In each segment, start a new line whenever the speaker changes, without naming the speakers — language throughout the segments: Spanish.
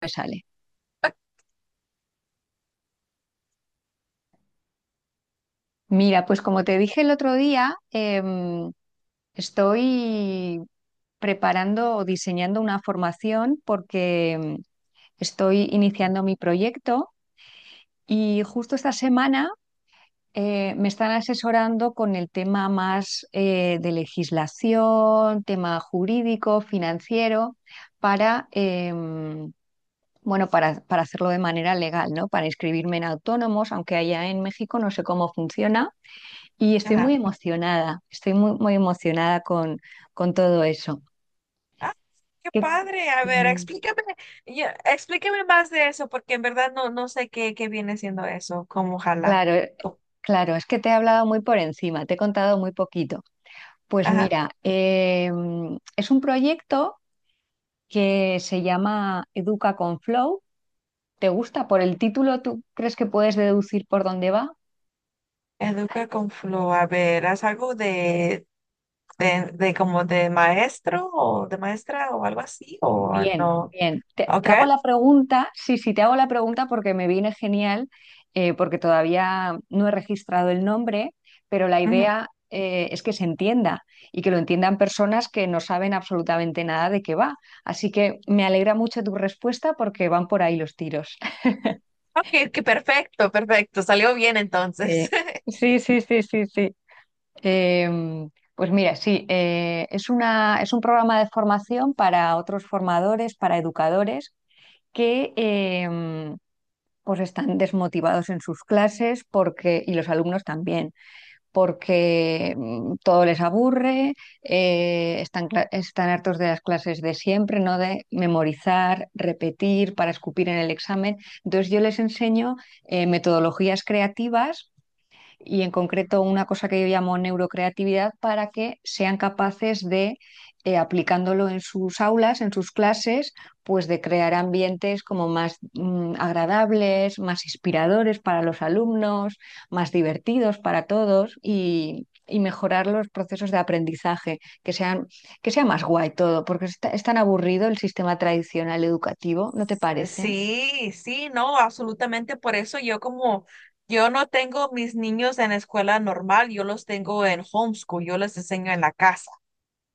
Me sale. Mira, pues como te dije el otro día, estoy preparando o diseñando una formación porque estoy iniciando mi proyecto y justo esta semana me están asesorando con el tema más de legislación, tema jurídico, financiero, para, em, bueno, para hacerlo de manera legal, ¿no? Para inscribirme en autónomos, aunque allá en México no sé cómo funciona. Y estoy muy
Ajá.
emocionada, estoy muy, muy emocionada con todo eso.
Ah, qué
Que-
padre. A ver,
Mm,
ya, explícame más de eso, porque en verdad no sé qué viene siendo eso, como ojalá.
Claro,
Co-
claro, es que te he hablado muy por encima, te he contado muy poquito. Pues
Ajá.
mira, es un proyecto que se llama Educa con Flow. ¿Te gusta por el título? ¿Tú crees que puedes deducir por dónde va?
Educa con flow. A ver, ¿haz algo de como de maestro o de maestra o algo así? ¿O
Bien,
no?
bien. Te
Ok.
hago la pregunta, sí, sí, te hago la pregunta porque me viene genial, porque todavía no he registrado el nombre, pero la
Ujú.
idea es que se entienda y que lo entiendan personas que no saben absolutamente nada de qué va. Así que me alegra mucho tu respuesta porque van por ahí los tiros.
Ok, ok, perfecto, perfecto. Salió bien entonces.
Eh, sí, sí, sí, sí, sí. Eh, pues mira, sí, es un programa de formación para otros formadores, para educadores que... em, pues están desmotivados en sus clases porque, y los alumnos también, porque todo les aburre, están hartos de las clases de siempre, ¿no? De memorizar, repetir para escupir en el examen. Entonces yo les enseño metodologías creativas y en concreto una cosa que yo llamo neurocreatividad para que sean capaces de, aplicándolo en sus aulas, en sus clases, pues de crear ambientes como más agradables, más inspiradores para los alumnos, más divertidos para todos y mejorar los procesos de aprendizaje, que sean, que sea más guay todo, porque es tan aburrido el sistema tradicional educativo, ¿no te parece?
Sí, sí, no, absolutamente. Por eso yo como, yo no tengo mis niños en escuela normal, yo los tengo en homeschool, yo les enseño en la casa.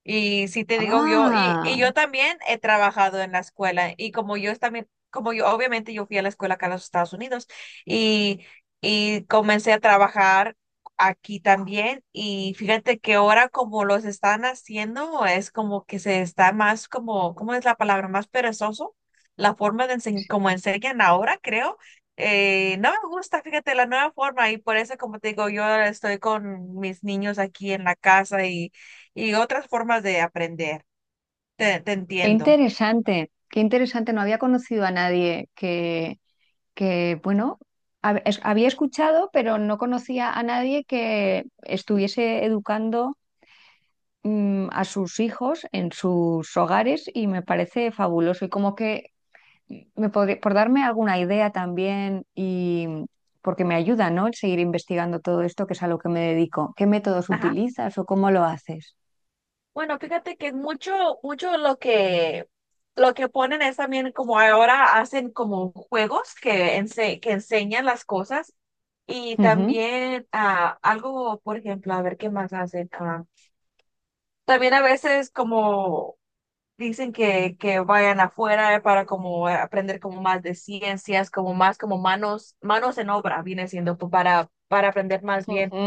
Y si te digo yo, y,
Ah.
y yo también he trabajado en la escuela y como yo es también, como yo, obviamente yo fui a la escuela acá en los Estados Unidos y, y comencé a trabajar aquí también y fíjate que ahora como los están haciendo es como que se está más como, ¿cómo es la palabra? Más perezoso, la forma de como enseñan ahora, creo. No me gusta, fíjate, la nueva forma y por eso, como te digo, yo estoy con mis niños aquí en la casa y otras formas de aprender. Te
Qué
entiendo.
interesante, qué interesante. No había conocido a nadie que, que bueno, había escuchado, pero no conocía a nadie que estuviese educando a sus hijos en sus hogares y me parece fabuloso. Y como que me podría, por darme alguna idea también y porque me ayuda, ¿no? El seguir investigando todo esto, que es a lo que me dedico. ¿Qué métodos
Ajá.
utilizas o cómo lo haces?
Bueno, fíjate que mucho lo que ponen es también como ahora hacen como juegos que, ense- que enseñan las cosas y
Ujú,
también algo, por ejemplo, a ver qué más hacen. También a veces como dicen que vayan afuera para como aprender como más de ciencias, como más como manos, manos en obra, viene siendo pues, para aprender más bien.
ujú.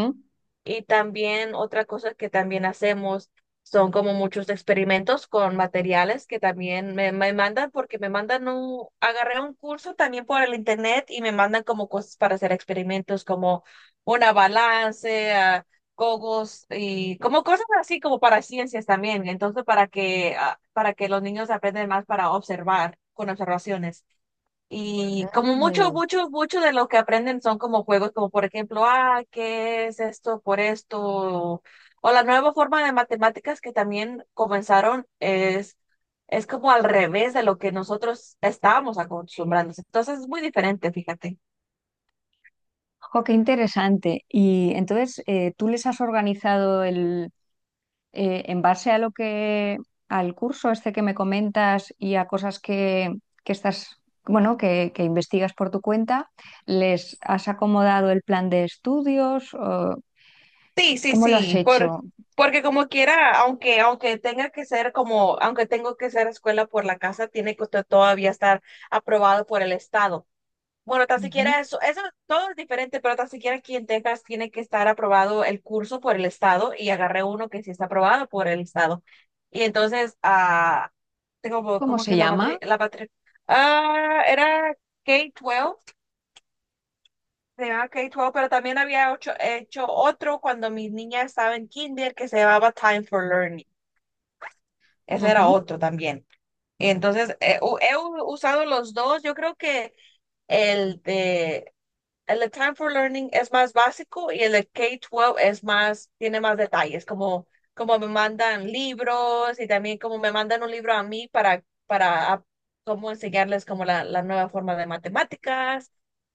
Y también otra cosa que también hacemos son como muchos experimentos con materiales que también me mandan porque me mandan un, agarré un curso también por el internet y me mandan como cosas para hacer experimentos como una balance, cogos y como cosas así como para ciencias también. Entonces para que, para que los niños aprendan más para observar con observaciones. Y como mucho,
Mm.
mucho, mucho de lo que aprenden son como juegos, como por ejemplo, ¿qué es esto por esto? O, la nueva forma de matemáticas que también comenzaron es como al revés de lo que nosotros estábamos acostumbrándonos. Entonces es muy diferente, fíjate.
Jo, qué interesante. Y entonces, ¿tú les has organizado el, en base a lo que, al curso este que me comentas y a cosas que estás, bueno, que investigas por tu cuenta, ¿les has acomodado el plan de estudios? O
Sí, sí,
¿cómo lo has
sí,
hecho?
porque como quiera, aunque tenga que ser como, aunque tengo que ser escuela por la casa, tiene que todavía estar aprobado por el estado. Bueno, tan siquiera
Ujú.
eso, todo es diferente, pero tan siquiera aquí en Texas tiene que estar aprobado el curso por el estado y agarré uno que sí está aprobado por el estado. Y entonces, tengo como
¿Cómo
como que
se
es la
llama?
matriz, la matriz, era K-12, se llamaba K-12, pero también había hecho otro cuando mi niña estaba en kinder que se llamaba Time for Learning. Ese era
Ujú.
otro también. Y entonces, he usado los dos, yo creo que el de el Time for Learning es más básico y el K-12 es más, tiene más detalles, como, como me mandan libros y también como me mandan un libro a mí para cómo enseñarles como la nueva forma de matemáticas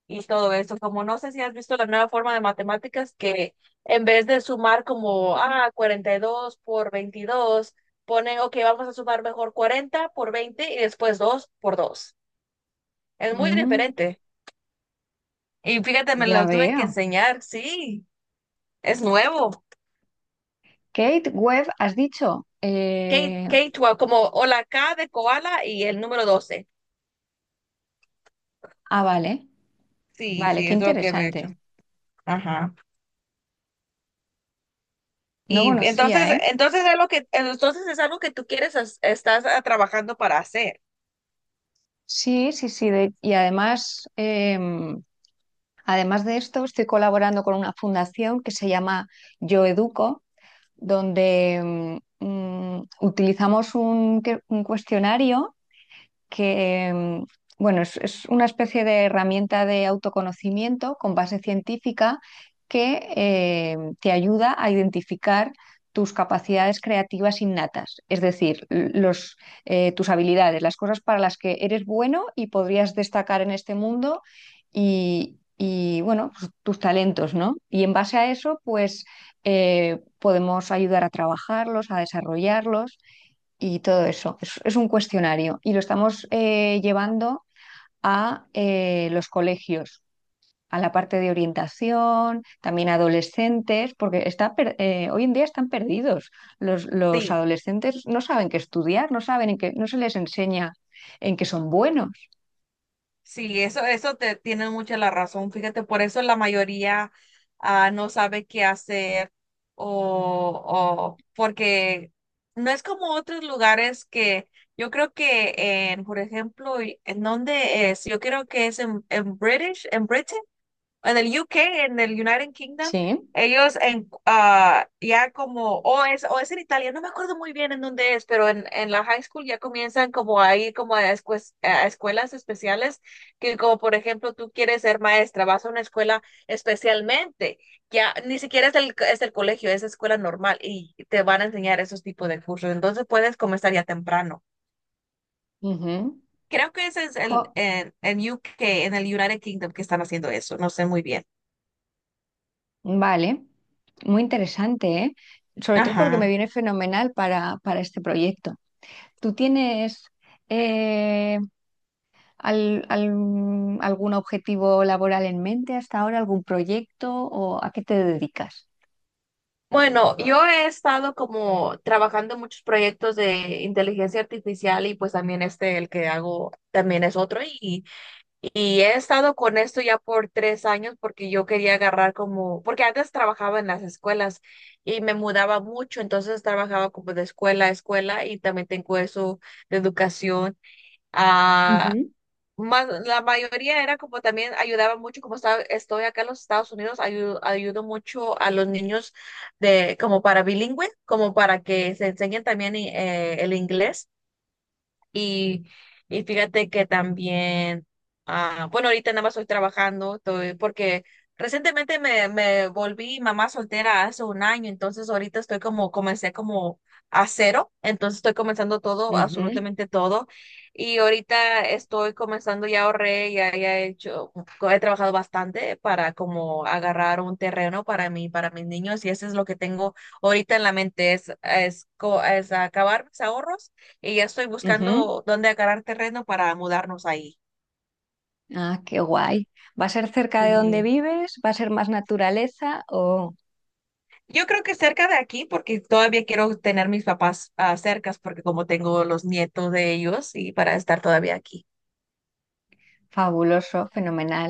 y todo eso. Como no sé si has visto la nueva forma de matemáticas que en vez de sumar como, 42 por 22, ponen, ok, vamos a sumar mejor 40 por 20 y después 2 por 2. Es muy
Mm,
diferente. Y fíjate, me
ya
lo tuve que
veo.
enseñar, sí, es nuevo.
Kate Webb, has dicho.
K, K-12, como o la K de koala y el número 12.
Vale,
Sí,
vale,
sí,
qué
es lo que he hecho.
interesante.
Ajá.
No
Y entonces,
conocía, ¿eh?
entonces es lo que, entonces es algo que tú quieres, estás trabajando para hacer.
Sí, sí, sí. Y además, además de esto, estoy colaborando con una fundación que se llama Yo Educo, donde utilizamos un cuestionario que, em, bueno, es una especie de herramienta de autoconocimiento con base científica que te ayuda a identificar tus capacidades creativas innatas, es decir, tus habilidades, las cosas para las que eres bueno y podrías destacar en este mundo y, bueno, pues, tus talentos, ¿no? Y en base a eso, pues podemos ayudar a trabajarlos, a desarrollarlos y todo eso. Es un cuestionario y lo estamos llevando a los colegios, a la parte de orientación, también adolescentes, porque hoy en día están perdidos. Los
Sí.
adolescentes no saben qué estudiar, no saben en qué, no se les enseña en qué son buenos.
Sí, eso te tiene mucha la razón. Fíjate, por eso la mayoría no sabe qué hacer, o porque no es como otros lugares que yo creo que en, por ejemplo, ¿en dónde es? Yo creo que es en, British, en Britain, en el UK, en el United Kingdom,
Sí.
ellos ya como, o es en Italia, no me acuerdo muy bien en dónde es, pero en, la high school ya comienzan como ahí, como a escuelas especiales, que como por ejemplo tú quieres ser maestra, vas a una escuela especialmente, ya ni siquiera es el colegio, es escuela normal y te van a enseñar esos tipos de cursos, entonces puedes comenzar ya temprano.
Ujú.
Creo que ese es
Jo,
el en, UK, en el United Kingdom que están haciendo eso, no sé muy bien.
vale, muy interesante, ¿eh? Sobre todo porque me
Ajá.
viene fenomenal para este proyecto. ¿Tú tienes eh, algún objetivo laboral en mente hasta ahora, algún proyecto o a qué te dedicas?
Bueno, yo he estado como trabajando en muchos proyectos de inteligencia artificial y pues también este, el que hago también es otro, y he estado con esto ya por 3 años porque yo quería agarrar como, porque antes trabajaba en las escuelas y me mudaba mucho, entonces trabajaba como de escuela a escuela y también tengo eso de educación. ah,
Ujú,
más, la mayoría era como también ayudaba mucho, como estaba, estoy acá en los Estados Unidos, ayudo mucho a los niños de como para bilingüe, como para que se enseñen también el inglés. Y, y fíjate que también, bueno, ahorita nada más estoy trabajando, estoy, porque recientemente me volví mamá soltera hace un año, entonces ahorita estoy como, comencé como a cero, entonces estoy comenzando todo,
ujú,
absolutamente todo. Y ahorita estoy comenzando, ya ahorré, ya, ya he hecho, he trabajado bastante para como agarrar un terreno para mí, para mis niños, y eso es lo que tengo ahorita en la mente, es acabar mis ahorros y ya estoy
ujú.
buscando dónde agarrar terreno para mudarnos ahí.
Ah, qué guay. ¿Va a ser cerca de donde
Sí.
vives? ¿Va a ser más naturaleza? Oh,
Yo creo que cerca de aquí, porque todavía quiero tener mis papás cercas, porque como tengo los nietos de ellos y para estar todavía aquí.
fabuloso, fenomenal.